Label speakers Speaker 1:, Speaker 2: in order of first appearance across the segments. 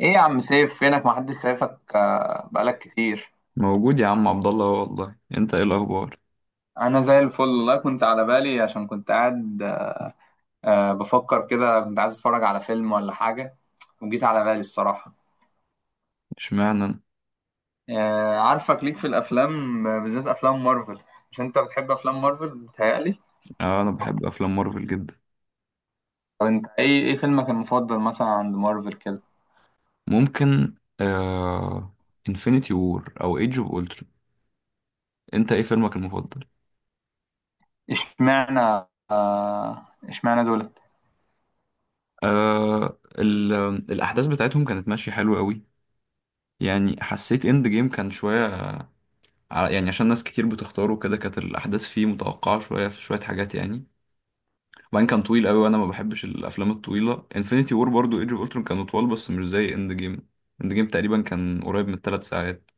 Speaker 1: ايه يا عم سيف؟ فينك؟ محدش شايفك بقالك كتير.
Speaker 2: موجود يا عم عبد الله أهو. والله انت ايه الاخبار؟
Speaker 1: انا زي الفل والله، كنت على بالي عشان كنت قاعد بفكر كده، كنت عايز اتفرج على فيلم ولا حاجة، وجيت على بالي الصراحة.
Speaker 2: اشمعنى انا؟
Speaker 1: عارفك ليك في الافلام، بالذات افلام مارفل. مش انت بتحب افلام مارفل بتهيألي؟
Speaker 2: آه، انا بحب افلام مارفل جدا.
Speaker 1: طب انت ايه فيلمك المفضل مثلا عند مارفل كده؟
Speaker 2: ممكن. انفينيتي وور او ايدج اوف اولترون. انت ايه فيلمك المفضل؟
Speaker 1: اشمعنى؟ اشمعنى دول؟
Speaker 2: آه ال... الاحداث بتاعتهم كانت ماشيه حلوه قوي. يعني حسيت اند جيم كان شويه. يعني عشان ناس كتير بتختاره كده كانت الاحداث فيه متوقعه شويه، في شويه حاجات يعني. وبعدين كان طويل قوي وانا ما بحبش الافلام الطويله. انفينيتي وور برضو ايدج اوف اولترون كانوا طوال بس مش زي اند جيم. اند جيم تقريبا كان قريب من 3 ساعات.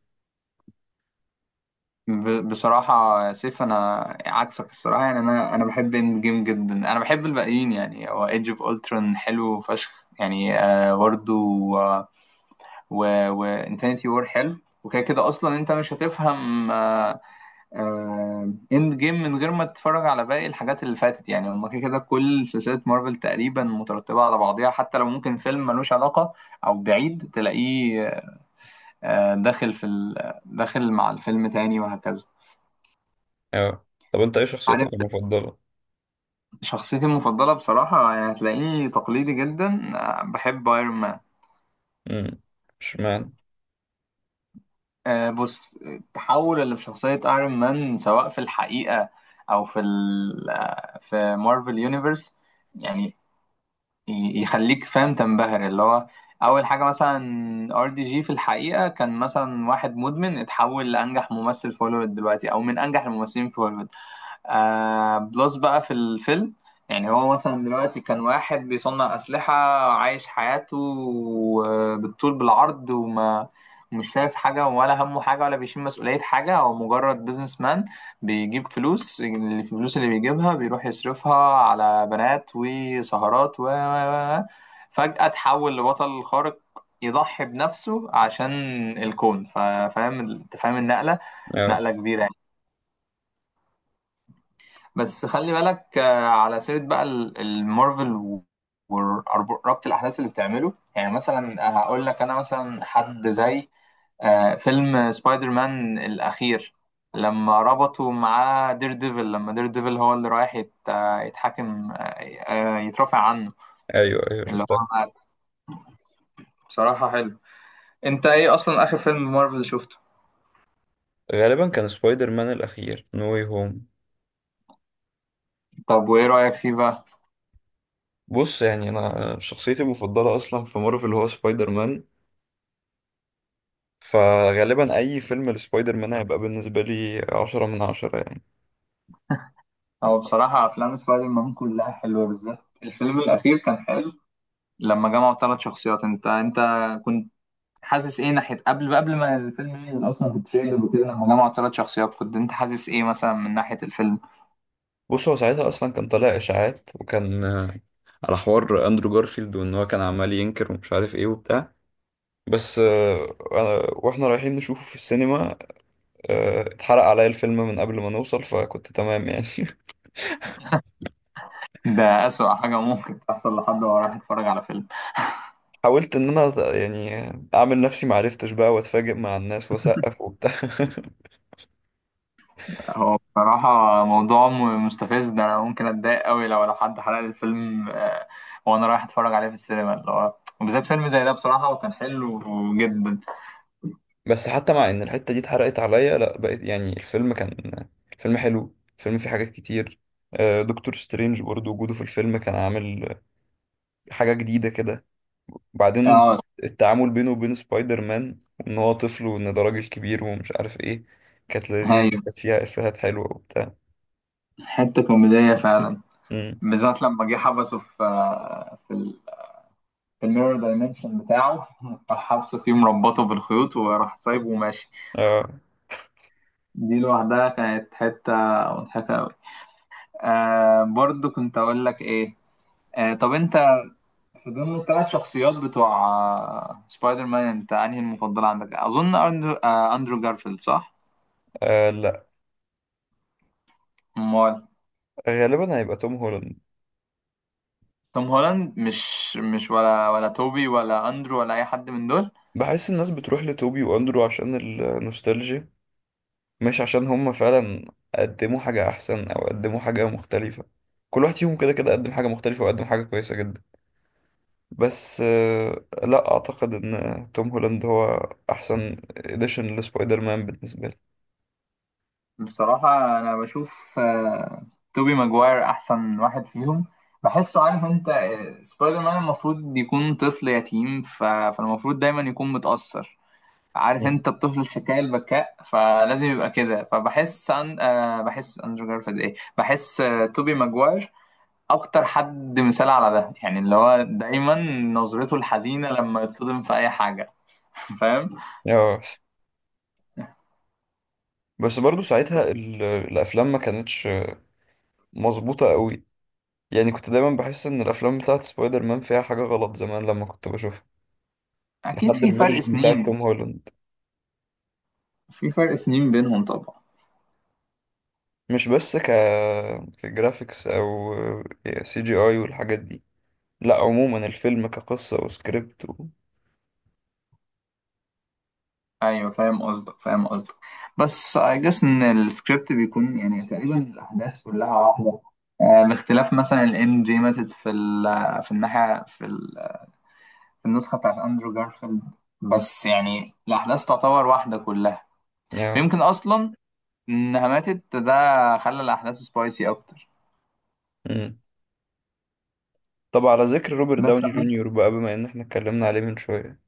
Speaker 1: بصراحة يا سيف، أنا عكسك الصراحة، يعني أنا بحب إند جيم جدا، أنا بحب الباقيين يعني، هو إيدج أوف أولترون حلو فشخ يعني، برضه. وإنفينيتي وور حلو. وكده كده أصلا أنت مش هتفهم إند جيم من غير ما تتفرج على باقي الحاجات اللي فاتت، يعني هما كده كده كل سلسلة مارفل تقريبا مترتبة على بعضيها، حتى لو ممكن فيلم ملوش علاقة أو بعيد تلاقيه داخل داخل مع الفيلم تاني وهكذا.
Speaker 2: اه. طب انت ايه شخصيتك
Speaker 1: عارف،
Speaker 2: المفضلة؟
Speaker 1: شخصيتي المفضلة بصراحة يعني هتلاقيني تقليدي جدا، بحب ايرون مان.
Speaker 2: امم اشمعنى؟
Speaker 1: بص، التحول اللي في شخصية ايرون مان سواء في الحقيقة أو في ال آه، في مارفل يونيفرس يعني، يخليك فاهم، تنبهر اللي هو اول حاجه مثلا RDJ في الحقيقه كان مثلا واحد مدمن اتحول لانجح ممثل في هوليوود دلوقتي، او من انجح الممثلين في هوليوود. بلس بقى في الفيلم، يعني هو مثلا دلوقتي كان واحد بيصنع اسلحه، عايش حياته بالطول بالعرض، وما مش شايف حاجه، ولا همه حاجه، ولا بيشيل مسؤوليه حاجه، هو مجرد بيزنس مان بيجيب فلوس، الفلوس اللي بيجيبها بيروح يصرفها على بنات وسهرات فجأة تحول لبطل خارق يضحي بنفسه عشان الكون. انت فاهم النقلة؟
Speaker 2: اه.
Speaker 1: نقلة كبيرة يعني. بس خلي بالك، على سيرة بقى المارفل وربط الأحداث اللي بتعمله، يعني مثلا هقول لك، أنا مثلا حد زي فيلم سبايدر مان الأخير، لما ربطوا معاه دير ديفل، لما دير ديفل هو اللي رايح يتحاكم يترافع عنه،
Speaker 2: ايوه ايوه
Speaker 1: اللي
Speaker 2: شفتها.
Speaker 1: هو مات. بصراحة حلو. انت ايه اصلا اخر فيلم مارفل شفته؟
Speaker 2: غالبا كان سبايدر مان الاخير نو واي هوم.
Speaker 1: طب وايه رأيك فيه بقى؟
Speaker 2: بص يعني انا شخصيتي المفضلة اصلا في مارفل هو سبايدر مان. فغالبا اي فيلم لسبايدر مان هيبقى بالنسبة لي 10 من 10 يعني.
Speaker 1: هو بصراحة افلام سبايدر مان كلها حلوة، بالذات الفيلم الأخير كان حلو، لما جمعوا ثلاث شخصيات. انت كنت حاسس ايه ناحية قبل ما الفيلم ينزل اصلا في التريلر وكده، لما جمعوا ثلاث شخصيات كنت انت حاسس ايه مثلا من ناحية الفيلم؟
Speaker 2: بص هو ساعتها اصلا كان طالع اشاعات، وكان على حوار اندرو جارفيلد وان هو كان عمال ينكر ومش عارف ايه وبتاع. بس واحنا رايحين نشوفه في السينما، اتحرق عليا الفيلم من قبل ما نوصل فكنت تمام يعني.
Speaker 1: ده أسوأ حاجة ممكن تحصل لحد وهو رايح يتفرج على فيلم.
Speaker 2: حاولت ان انا يعني اعمل نفسي معرفتش بقى واتفاجئ مع الناس واسقف وبتاع.
Speaker 1: هو بصراحة موضوع مستفز ده، أنا ممكن أتضايق أوي لو حد حرق لي الفيلم، وأنا رايح أتفرج عليه في السينما اللي هو، وبالذات فيلم زي ده بصراحة وكان حلو جدا.
Speaker 2: بس حتى مع ان الحتة دي اتحرقت عليا لا بقيت يعني الفيلم كان. الفيلم حلو، الفيلم فيه حاجات كتير. دكتور سترينج برضه وجوده في الفيلم كان عامل حاجة جديدة كده. وبعدين
Speaker 1: اه.
Speaker 2: التعامل بينه وبين سبايدر مان وان هو طفل وان ده راجل كبير ومش عارف ايه كانت لذيذة،
Speaker 1: ايوه،
Speaker 2: كانت فيها افيهات حلوة وبتاع.
Speaker 1: حتة كوميدية فعلا.
Speaker 2: مم.
Speaker 1: بالذات لما جه حبسه في آه، في ال- في الميرور دايمنشن بتاعه راح حبسه فيه مربطه بالخيوط وراح سايبه وماشي.
Speaker 2: اه.
Speaker 1: دي لوحدها كانت حتة مضحكة أوي. برضو كنت أقول لك إيه. طب انت في ضمن الثلاث شخصيات بتوع سبايدر مان، انت انهي المفضل عندك؟ اظن اندرو, آه، أندرو جارفيلد، صح؟
Speaker 2: آه،
Speaker 1: امال.
Speaker 2: غالبا هيبقى توم هولاند.
Speaker 1: توم هولاند؟ مش ولا توبي ولا اندرو ولا اي حد من دول؟
Speaker 2: بحس الناس بتروح لتوبي واندرو عشان النوستالجيا، مش عشان هم فعلا قدموا حاجة أحسن أو قدموا حاجة مختلفة. كل واحد فيهم كده كده قدم حاجة مختلفة وقدم حاجة كويسة جدا. بس لا أعتقد إن توم هولاند هو أحسن إديشن لسبايدر مان بالنسبة لي.
Speaker 1: بصراحة انا بشوف توبي ماجواير احسن واحد فيهم. بحسه، عارف انت، سبايدر مان المفروض يكون طفل يتيم، فالمفروض دايما يكون متأثر، عارف
Speaker 2: مم.
Speaker 1: انت، الطفل الحكاية البكاء، فلازم يبقى كده، فبحس أن... آه بحس اندرو جارفيلد ايه بحس توبي ماجواير اكتر حد مثال على ده، يعني اللي هو دايما نظرته الحزينة لما يتصدم في اي حاجة. فاهم؟
Speaker 2: آه، بس برضو ساعتها الأفلام ما كانتش مظبوطة قوي. يعني كنت دايما بحس إن الأفلام بتاعت سبايدر مان فيها حاجة غلط زمان لما كنت بشوفها.
Speaker 1: اكيد
Speaker 2: لحد
Speaker 1: في فرق
Speaker 2: الفيرجن بتاعت
Speaker 1: سنين.
Speaker 2: توم هولاند.
Speaker 1: في فرق سنين بينهم طبعا.
Speaker 2: مش بس كجرافيكس او سي جي اي والحاجات دي. لا عموما الفيلم كقصة وسكريبت
Speaker 1: ايوه، فاهم قصدك فاهم قصدك، بس I guess ان السكريبت بيكون، يعني تقريبا الاحداث كلها واحدة، باختلاف مثلا الام جي ماتت في الناحية، في النسخة بتاعت أندرو جارفيلد، بس يعني الأحداث تعتبر واحدة كلها،
Speaker 2: يعني.
Speaker 1: ويمكن أصلا إنها ماتت ده خلى الأحداث سبايسي أكتر.
Speaker 2: مم. طب على ذكر روبرت
Speaker 1: بس.
Speaker 2: داوني جونيور بقى بما ان احنا اتكلمنا عليه من شوية،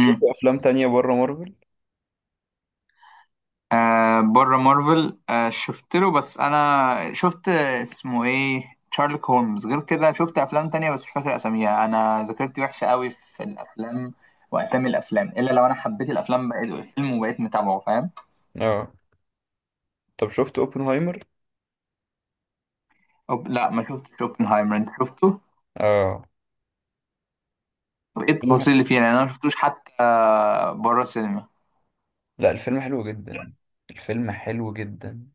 Speaker 2: شفت افلام تانية بره مارفل؟
Speaker 1: بره مارفل، شفت له، بس أنا شفت اسمه إيه شارلوك هولمز، غير كده شفت أفلام تانية بس مش فاكر أساميها، أنا ذاكرتي وحشة قوي في الأفلام وأسامي الأفلام، إلا لو أنا حبيت الأفلام بقيت الفيلم وبقيت متابعه، فاهم؟
Speaker 2: اه. طب شفت اوبنهايمر؟
Speaker 1: لا، ما شفتش اوبنهايمر. أنت شفته؟
Speaker 2: اه.
Speaker 1: طب ايه التفاصيل
Speaker 2: فيلم-
Speaker 1: اللي فيه، يعني انا ما شفتوش حتى، بره السينما.
Speaker 2: لا الفيلم حلو جدا. الفيلم حلو جدا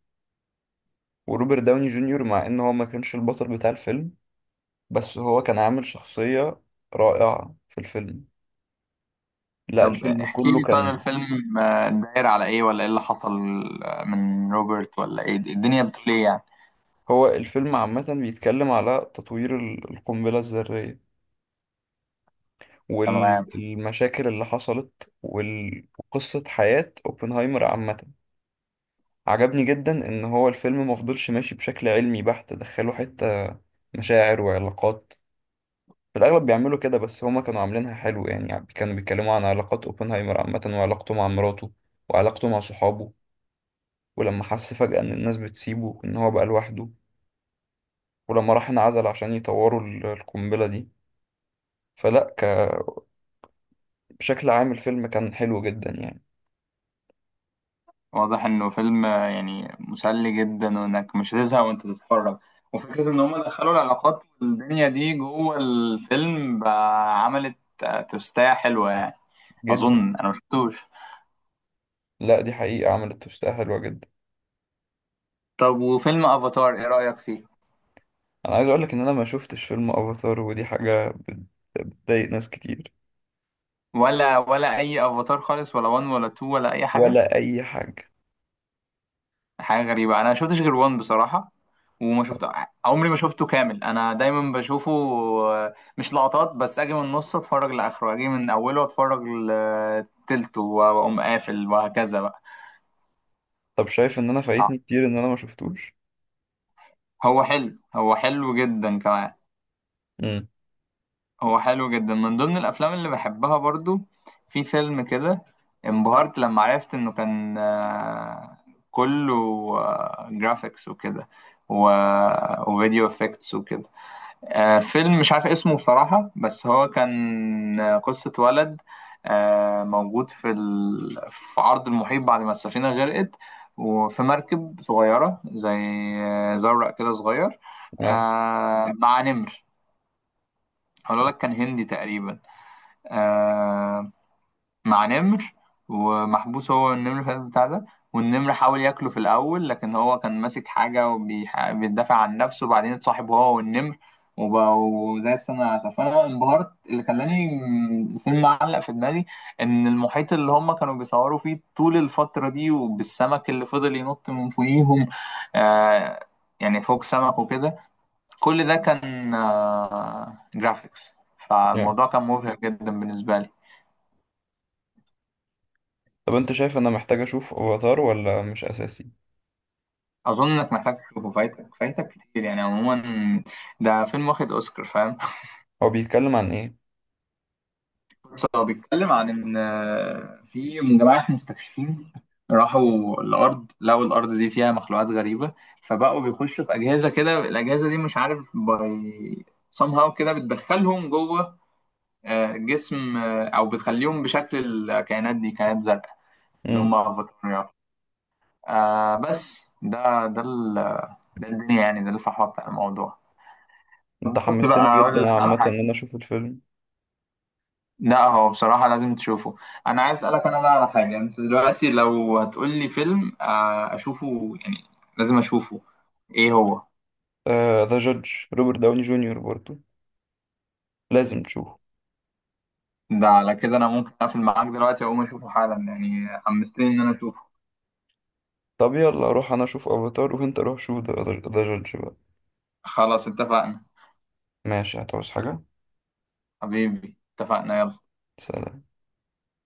Speaker 2: وروبرت داوني جونيور مع ان هو ما كانش البطل بتاع الفيلم بس هو كان عامل شخصية رائعة في الفيلم. لا
Speaker 1: طب
Speaker 2: الفيلم
Speaker 1: احكي
Speaker 2: كله
Speaker 1: لي، طيب
Speaker 2: كان.
Speaker 1: الفيلم داير على ايه، ولا ايه اللي حصل من روبرت، ولا ايه الدنيا بتقول ايه يعني؟
Speaker 2: هو الفيلم عامة بيتكلم على تطوير القنبلة الذرية
Speaker 1: تمام.
Speaker 2: والمشاكل اللي حصلت وقصة حياة اوبنهايمر عامة. عجبني جدا ان هو الفيلم مفضلش ماشي بشكل علمي بحت، دخلوا حتة مشاعر وعلاقات. في الاغلب بيعملوا كده بس هما كانوا عاملينها حلو يعني. يعني كانوا بيتكلموا عن علاقات اوبنهايمر عامة، وعلاقته مع مراته وعلاقته مع صحابه ولما حس فجأة ان الناس بتسيبه ان هو بقى لوحده، ولما راح انعزل عشان يطوروا القنبلة دي. فلا، بشكل عام الفيلم كان حلو جدا يعني.
Speaker 1: واضح انه فيلم يعني مسلي جدا، وانك مش هتزهق وانت بتتفرج، وفكرة ان هم دخلوا العلاقات والدنيا دي جوه الفيلم بقى عملت توستاية حلوة يعني.
Speaker 2: جدا.
Speaker 1: اظن انا مشفتوش.
Speaker 2: لا دي حقيقة عملت توستة حلوة جدا.
Speaker 1: طب وفيلم افاتار ايه رأيك فيه؟
Speaker 2: انا عايز اقولك ان انا ما شفتش فيلم افاتار ودي حاجة بتضايق ناس كتير.
Speaker 1: ولا اي افاتار خالص، ولا 1 ولا 2 ولا اي حاجة؟
Speaker 2: ولا اي حاجة.
Speaker 1: حاجة غريبة، أنا شفتش غير وان بصراحة، وما شفت عمري ما شفته كامل، أنا دايما بشوفه، مش لقطات بس، أجي من نصه أتفرج لآخره، أجي من أوله أتفرج لتلته وأقوم قافل وهكذا بقى.
Speaker 2: طب شايف ان انا
Speaker 1: آه،
Speaker 2: فايتني كتير ان انا ما شفتوش؟
Speaker 1: هو حلو، هو حلو جدا كمان،
Speaker 2: امم
Speaker 1: هو حلو جدا من ضمن الأفلام اللي بحبها برضو. في فيلم كده انبهرت لما عرفت إنه كان كله جرافيكس وكده و... وفيديو افكتس وكده. فيلم مش عارف اسمه بصراحة، بس هو كان قصة ولد موجود في عرض المحيط بعد ما السفينة غرقت، وفي مركب صغيرة، زي زورق كده صغير،
Speaker 2: اه.
Speaker 1: مع نمر. هقول لك، كان هندي تقريبا، آه، مع نمر، ومحبوس هو النمر في القلب بتاع ده، والنمر حاول ياكله في الاول لكن هو كان ماسك حاجه وبيدافع عن نفسه، وبعدين اتصاحب هو والنمر وبقوا زي السنة العسل. فأنا انبهرت، اللي خلاني الفيلم معلق في دماغي إن المحيط اللي هم كانوا بيصوروا فيه طول الفترة دي، وبالسمك اللي فضل ينط من فوقيهم، آه يعني فوق سمك وكده، كل ده كان جرافيكس.
Speaker 2: yeah.
Speaker 1: فالموضوع كان مبهر جدا بالنسبة لي.
Speaker 2: طب انت شايف ان انا محتاج اشوف افاتار ولا مش اساسي؟
Speaker 1: اظن انك محتاج تشوفه، فايتك فايتك كتير يعني عموما، ده فيلم واخد اوسكار، فاهم؟
Speaker 2: هو بيتكلم عن ايه؟
Speaker 1: بس هو بيتكلم عن ان في جماعه مستكشفين راحوا الارض، لقوا الارض دي فيها مخلوقات غريبه، فبقوا بيخشوا في اجهزه كده، الاجهزه دي مش عارف باي somehow كده بتدخلهم جوه جسم، او بتخليهم بشكل الكائنات دي، كائنات زرقاء اللي
Speaker 2: امم
Speaker 1: هم افاتاريات، بس ده الدنيا يعني، ده الفحوى بتاع الموضوع.
Speaker 2: انت
Speaker 1: كنت
Speaker 2: حمستني
Speaker 1: بقى اقول
Speaker 2: جدا
Speaker 1: لك على
Speaker 2: عامة ان
Speaker 1: حاجه.
Speaker 2: انا اشوف الفيلم.
Speaker 1: لا، هو بصراحه لازم تشوفه. انا عايز اسالك انا بقى على حاجه، انت دلوقتي لو هتقول لي فيلم اشوفه، يعني لازم اشوفه، ايه هو؟
Speaker 2: ذا جادج روبرت داوني جونيور برضو. لازم تشوفه.
Speaker 1: ده على كده انا ممكن اقفل معاك دلوقتي اقوم اشوفه حالا، يعني حمستني ان انا اشوفه.
Speaker 2: طب يلا اروح انا اشوف افاتار وانت روح شوف ذا جادج بقى.
Speaker 1: خلاص، اتفقنا.
Speaker 2: ماشي هتعوز حاجة؟
Speaker 1: حبيبي، اتفقنا، يلا.
Speaker 2: سلام.